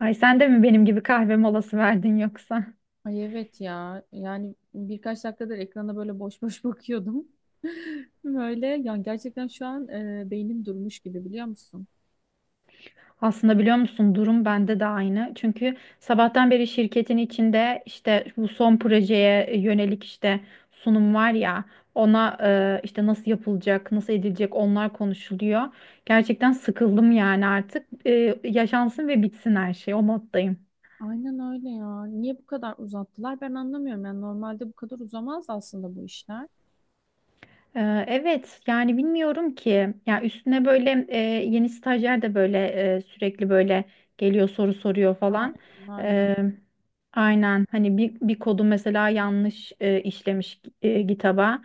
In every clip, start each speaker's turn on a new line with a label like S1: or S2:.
S1: Ay sen de mi benim gibi kahve molası verdin yoksa?
S2: Ay evet ya. Yani birkaç dakikadır ekrana böyle boş boş bakıyordum. Böyle yani gerçekten şu an beynim durmuş gibi biliyor musun?
S1: Aslında biliyor musun durum bende de aynı. Çünkü sabahtan beri şirketin içinde işte bu son projeye yönelik işte sunum var ya ona işte nasıl yapılacak, nasıl edilecek onlar konuşuluyor. Gerçekten sıkıldım yani artık. Yaşansın ve bitsin her şey o moddayım.
S2: Aynen öyle ya. Niye bu kadar uzattılar? Ben anlamıyorum. Yani normalde bu kadar uzamaz aslında bu işler.
S1: Evet yani bilmiyorum ki ya üstüne böyle yeni stajyer de böyle sürekli böyle geliyor soru soruyor falan.
S2: Aynen aynen.
S1: Ee, aynen hani bir kodu mesela yanlış işlemiş GitHub'a.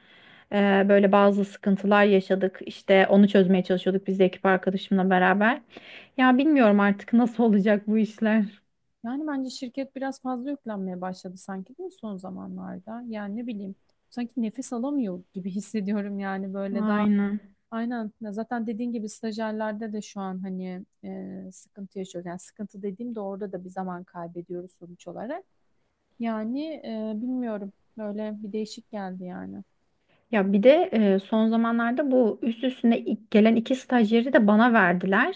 S1: Böyle bazı sıkıntılar yaşadık, işte onu çözmeye çalışıyorduk biz de ekip arkadaşımla beraber. Ya bilmiyorum artık nasıl olacak bu işler,
S2: Yani bence şirket biraz fazla yüklenmeye başladı sanki değil mi son zamanlarda? Yani ne bileyim. Sanki nefes alamıyor gibi hissediyorum yani böyle daha.
S1: aynen.
S2: Aynen. Ya zaten dediğin gibi stajyerlerde de şu an hani sıkıntı yaşıyoruz. Yani sıkıntı dediğim de orada da bir zaman kaybediyoruz sonuç olarak. Yani bilmiyorum. Böyle bir değişik geldi yani.
S1: Ya bir de son zamanlarda bu üst üstüne ilk gelen iki stajyeri de bana verdiler.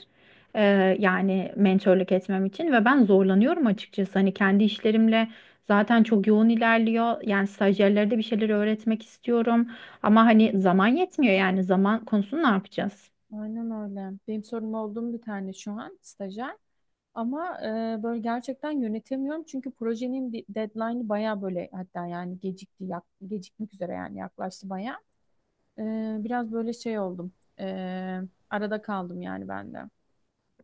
S1: E, Yani mentörlük etmem için ve ben zorlanıyorum açıkçası. Hani kendi işlerimle zaten çok yoğun ilerliyor. Yani stajyerlere de bir şeyler öğretmek istiyorum. Ama hani zaman yetmiyor, yani zaman konusunu ne yapacağız?
S2: Aynen öyle. Benim sorum olduğum bir tane şu an stajyer. Ama böyle gerçekten yönetemiyorum çünkü projenin deadline'ı baya böyle hatta yani gecikmek üzere yani yaklaştı baya. E, Biraz böyle şey oldum. E, Arada kaldım yani ben de.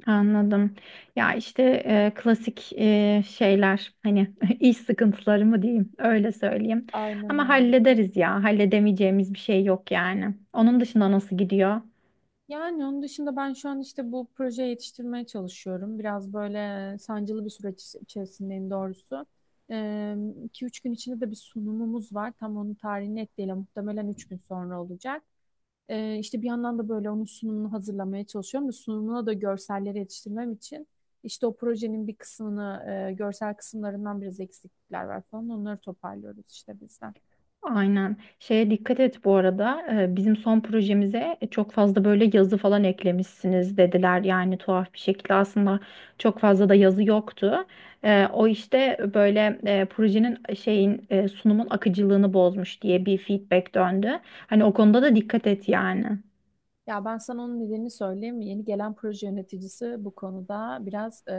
S1: Anladım. Ya işte e, klasik şeyler, hani iş sıkıntıları mı diyeyim öyle söyleyeyim.
S2: Aynen
S1: Ama
S2: öyle.
S1: hallederiz ya, halledemeyeceğimiz bir şey yok yani. Onun dışında nasıl gidiyor?
S2: Yani onun dışında ben şu an işte bu projeye yetiştirmeye çalışıyorum. Biraz böyle sancılı bir süreç içerisindeyim doğrusu. Ee, 2-3 gün içinde de bir sunumumuz var. Tam onun tarihini net değil ama muhtemelen 3 gün sonra olacak. İşte bir yandan da böyle onun sunumunu hazırlamaya çalışıyorum. Ve sunumuna da görselleri yetiştirmem için işte o projenin bir kısmını, görsel kısımlarından biraz eksiklikler var falan. Onları toparlıyoruz işte bizden.
S1: Aynen. Şeye dikkat et bu arada. Bizim son projemize çok fazla böyle yazı falan eklemişsiniz dediler. Yani tuhaf bir şekilde aslında çok fazla da yazı yoktu. O işte böyle projenin şeyin sunumun akıcılığını bozmuş diye bir feedback döndü. Hani o konuda da dikkat et yani.
S2: Ya ben sana onun nedenini söyleyeyim mi? Yeni gelen proje yöneticisi bu konuda biraz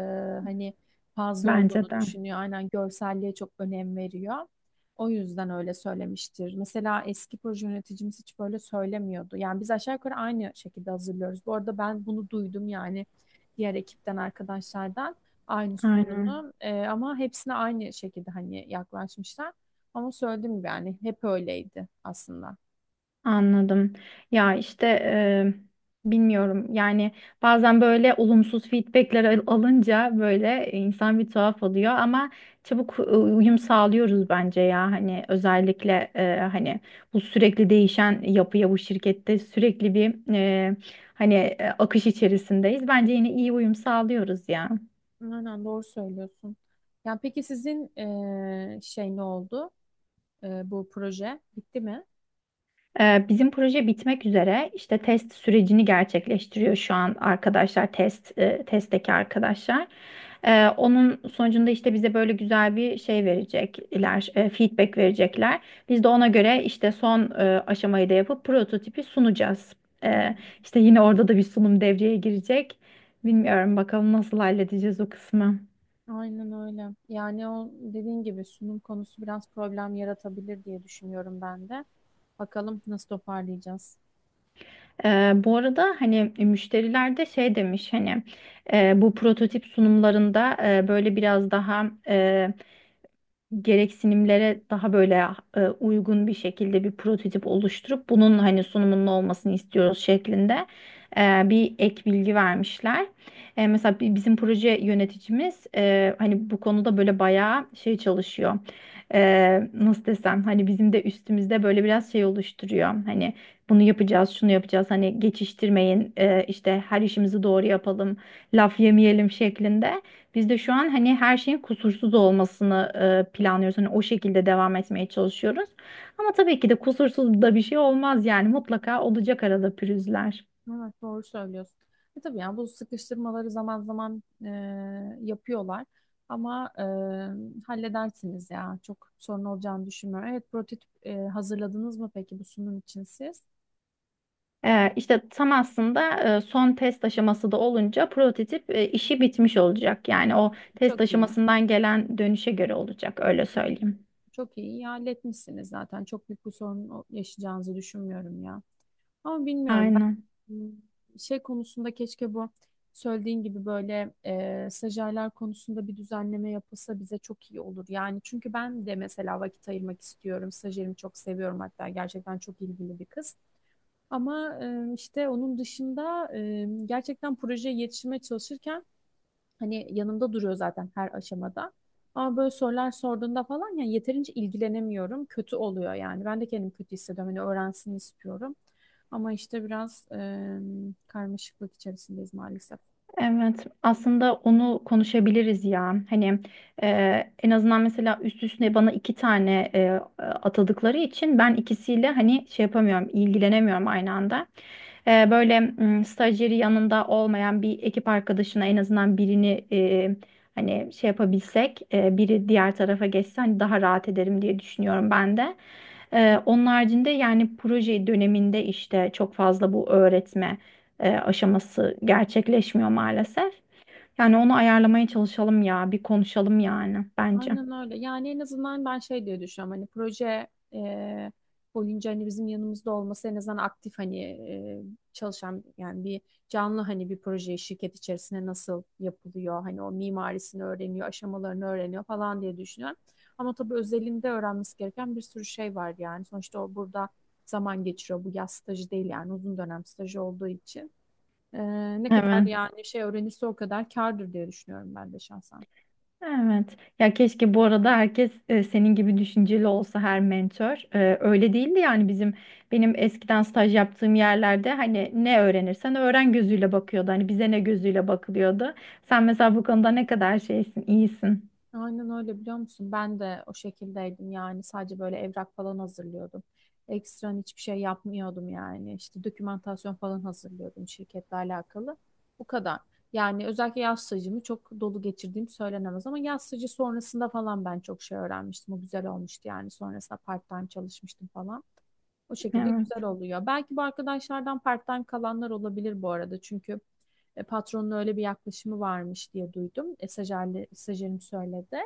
S2: hani fazla
S1: Bence
S2: olduğunu
S1: de.
S2: düşünüyor. Aynen görselliğe çok önem veriyor. O yüzden öyle söylemiştir. Mesela eski proje yöneticimiz hiç böyle söylemiyordu. Yani biz aşağı yukarı aynı şekilde hazırlıyoruz. Bu arada ben bunu duydum yani diğer ekipten arkadaşlardan aynı
S1: Aynen.
S2: sorunu. E, ama hepsine aynı şekilde hani yaklaşmışlar. Ama söylediğim gibi yani hep öyleydi aslında.
S1: Anladım. Ya işte bilmiyorum. Yani bazen böyle olumsuz feedbackler alınca böyle insan bir tuhaf oluyor ama çabuk uyum sağlıyoruz bence ya. Hani özellikle hani bu sürekli değişen yapıya, bu şirkette sürekli bir hani akış içerisindeyiz. Bence yine iyi uyum sağlıyoruz ya.
S2: Aynen doğru söylüyorsun. Yani peki sizin şey ne oldu? Bu proje bitti mi?
S1: Bizim proje bitmek üzere. İşte test sürecini gerçekleştiriyor şu an arkadaşlar, testteki arkadaşlar. Onun sonucunda işte bize böyle güzel bir şey verecekler, feedback verecekler. Biz de ona göre işte son aşamayı da yapıp prototipi sunacağız. Ee,
S2: Hmm.
S1: İşte yine orada da bir sunum devreye girecek. Bilmiyorum bakalım nasıl halledeceğiz o kısmı.
S2: Aynen öyle. Yani o dediğin gibi sunum konusu biraz problem yaratabilir diye düşünüyorum ben de. Bakalım nasıl toparlayacağız.
S1: Bu arada hani müşteriler de şey demiş, hani bu prototip sunumlarında böyle biraz daha gereksinimlere daha böyle uygun bir şekilde bir prototip oluşturup bunun hani sunumunun olmasını istiyoruz şeklinde bir ek bilgi vermişler. E, mesela bizim proje yöneticimiz hani bu konuda böyle bayağı şey çalışıyor. E, nasıl desem hani bizim de üstümüzde böyle biraz şey oluşturuyor. Hani bunu yapacağız, şunu yapacağız. Hani geçiştirmeyin, işte her işimizi doğru yapalım, laf yemeyelim şeklinde. Biz de şu an hani her şeyin kusursuz olmasını planlıyoruz. Hani o şekilde devam etmeye çalışıyoruz. Ama tabii ki de kusursuz da bir şey olmaz yani, mutlaka olacak arada pürüzler.
S2: Evet doğru söylüyorsun. E tabii yani bu sıkıştırmaları zaman zaman yapıyorlar. Ama halledersiniz ya. Çok sorun olacağını düşünmüyorum. Evet prototip hazırladınız mı peki bu sunum için siz?
S1: E, işte tam aslında son test aşaması da olunca prototip işi bitmiş olacak. Yani o test
S2: Çok iyi.
S1: aşamasından gelen dönüşe göre olacak, öyle söyleyeyim.
S2: Çok iyi, iyi halletmişsiniz zaten. Çok büyük bir sorun yaşayacağınızı düşünmüyorum ya. Ama bilmiyorum.
S1: Aynen.
S2: Hmm. Şey konusunda keşke bu söylediğin gibi böyle stajyerler konusunda bir düzenleme yapılsa bize çok iyi olur. Yani çünkü ben de mesela vakit ayırmak istiyorum. Stajyerimi çok seviyorum hatta gerçekten çok ilgili bir kız. Ama işte onun dışında gerçekten projeye yetişmeye çalışırken hani yanımda duruyor zaten her aşamada. Ama böyle sorular sorduğunda falan yani yeterince ilgilenemiyorum. Kötü oluyor yani. Ben de kendimi kötü hissediyorum. Hani öğrensin istiyorum. Ama işte biraz karmaşıklık içerisindeyiz maalesef.
S1: Evet, aslında onu konuşabiliriz ya. Hani en azından mesela üst üste bana iki tane atadıkları için ben ikisiyle hani şey yapamıyorum, ilgilenemiyorum aynı anda. E, böyle stajyeri yanında olmayan bir ekip arkadaşına en azından birini hani şey yapabilsek, biri diğer tarafa geçse hani daha rahat ederim diye düşünüyorum ben de. E, onun haricinde yani proje döneminde işte çok fazla bu öğretme aşaması gerçekleşmiyor maalesef. Yani onu ayarlamaya çalışalım ya, bir konuşalım yani bence.
S2: Aynen öyle. Yani en azından ben şey diye düşünüyorum hani proje e, boyunca hani bizim yanımızda olması en azından aktif hani çalışan yani bir canlı hani bir proje şirket içerisinde nasıl yapılıyor hani o mimarisini öğreniyor aşamalarını öğreniyor falan diye düşünüyorum. Ama tabii özelinde öğrenmesi gereken bir sürü şey var yani sonuçta o burada zaman geçiriyor bu yaz stajı değil yani uzun dönem stajı olduğu için. E, Ne kadar
S1: Evet,
S2: yani şey öğrenirse o kadar kârdır diye düşünüyorum ben de şahsen.
S1: evet. Ya keşke bu arada herkes senin gibi düşünceli olsa her mentor. E, öyle değildi yani benim eskiden staj yaptığım yerlerde hani ne öğrenirsen öğren gözüyle bakıyordu. Hani bize ne gözüyle bakılıyordu. Sen mesela bu konuda ne kadar şeysin, iyisin.
S2: Aynen öyle biliyor musun? Ben de o şekildeydim yani sadece böyle evrak falan hazırlıyordum. Ekstran hiçbir şey yapmıyordum yani. İşte dokümantasyon falan hazırlıyordum şirketle alakalı. Bu kadar. Yani özellikle yaz stajımı çok dolu geçirdiğim söylenemez ama yaz stajı sonrasında falan ben çok şey öğrenmiştim. O güzel olmuştu yani sonrasında part-time çalışmıştım falan. O şekilde
S1: Evet,
S2: güzel oluyor. Belki bu arkadaşlardan part-time kalanlar olabilir bu arada. Çünkü patronun öyle bir yaklaşımı varmış diye duydum. E, stajyerim söyledi.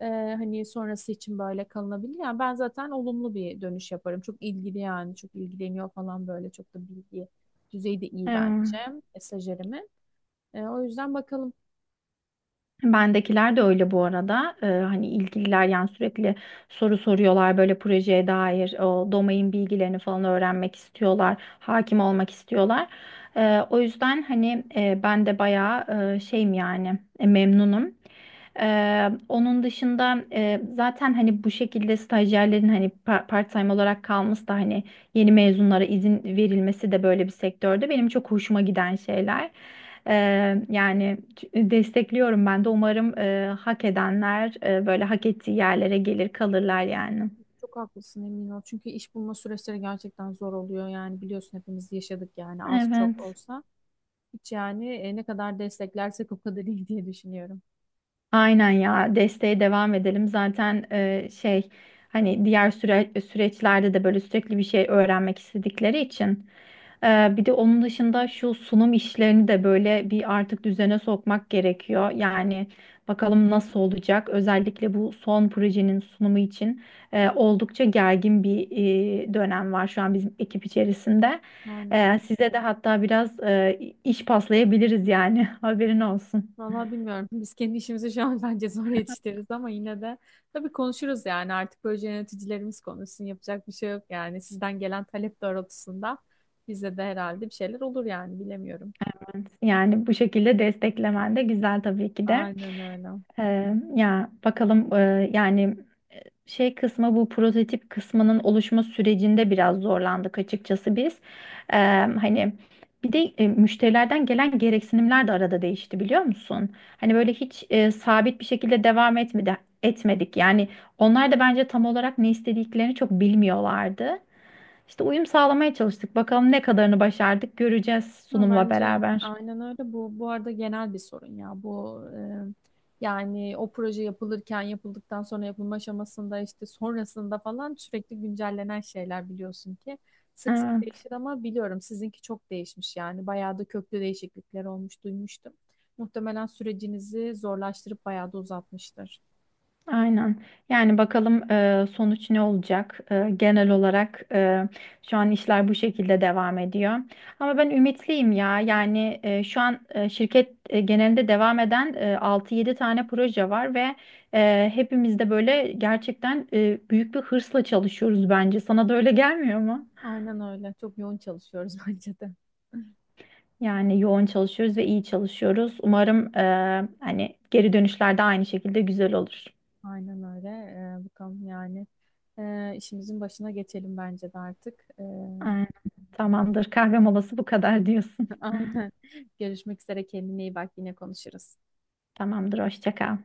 S2: Ee, hani sonrası için böyle kalınabilir. Yani ben zaten olumlu bir dönüş yaparım. Çok ilgili yani çok ilgileniyor falan böyle çok da bilgi düzeyi de iyi bence
S1: evet.
S2: stajyerimin. O yüzden bakalım
S1: Bendekiler de öyle bu arada. Hani ilgililer yani sürekli soru soruyorlar, böyle projeye dair o domain bilgilerini falan öğrenmek istiyorlar. Hakim olmak istiyorlar. O yüzden hani ben de bayağı şeyim yani, memnunum. Onun dışında zaten hani bu şekilde stajyerlerin hani part-time olarak kalması da hani yeni mezunlara izin verilmesi de böyle bir sektörde benim çok hoşuma giden şeyler. Yani destekliyorum ben de. Umarım hak edenler böyle hak ettiği yerlere gelir kalırlar yani.
S2: çok haklısın emin ol. Çünkü iş bulma süreçleri gerçekten zor oluyor. Yani biliyorsun hepimiz yaşadık yani az çok
S1: Evet.
S2: olsa. Hiç yani ne kadar desteklersek o kadar iyi diye düşünüyorum.
S1: Aynen ya, desteğe devam edelim. Zaten şey, hani diğer süreçlerde de böyle sürekli bir şey öğrenmek istedikleri için. E, bir de onun dışında şu sunum işlerini de böyle bir artık düzene sokmak gerekiyor. Yani bakalım nasıl olacak. Özellikle bu son projenin sunumu için oldukça gergin bir dönem var şu an bizim ekip içerisinde.
S2: Aynen.
S1: E, size de hatta biraz iş paslayabiliriz yani haberin olsun.
S2: Vallahi bilmiyorum. Biz kendi işimizi şu an bence zor yetiştiririz ama yine de tabii konuşuruz yani. Artık böyle yöneticilerimiz konuşsun. Yapacak bir şey yok yani. Sizden gelen talep doğrultusunda bize de herhalde bir şeyler olur yani. Bilemiyorum.
S1: Yani bu şekilde desteklemen de güzel tabii ki de.
S2: Aynen öyle.
S1: Ya bakalım yani şey kısmı, bu prototip kısmının oluşma sürecinde biraz zorlandık açıkçası biz. Hani bir de müşterilerden gelen gereksinimler de arada değişti, biliyor musun? Hani böyle hiç sabit bir şekilde devam etmedik. Yani onlar da bence tam olarak ne istediklerini çok bilmiyorlardı. İşte uyum sağlamaya çalıştık. Bakalım ne kadarını başardık göreceğiz
S2: Ya
S1: sunumla
S2: bence
S1: beraber.
S2: aynen öyle. Bu arada genel bir sorun ya. Bu yani o proje yapılırken, yapıldıktan sonra yapılma aşamasında işte sonrasında falan sürekli güncellenen şeyler biliyorsun ki sık sık
S1: Evet.
S2: değişir ama biliyorum sizinki çok değişmiş yani. Bayağı da köklü değişiklikler olmuş duymuştum. Muhtemelen sürecinizi zorlaştırıp bayağı da uzatmıştır.
S1: Aynen. Yani bakalım sonuç ne olacak? Genel olarak şu an işler bu şekilde devam ediyor. Ama ben ümitliyim ya. Yani şu an şirket genelinde devam eden 6-7 tane proje var ve hepimiz de gerçekten büyük bir hırsla çalışıyoruz bence. Sana da öyle gelmiyor mu?
S2: Aynen öyle. Çok yoğun çalışıyoruz bence de.
S1: Yani yoğun çalışıyoruz ve iyi çalışıyoruz. Umarım hani geri dönüşler de aynı şekilde güzel olur.
S2: Aynen öyle. Bakalım yani işimizin başına geçelim bence de artık.
S1: Aynen. Tamamdır. Kahve molası bu kadar diyorsun.
S2: Aynen. Görüşmek üzere. Kendine iyi bak. Yine konuşuruz.
S1: Tamamdır, hoşça kal.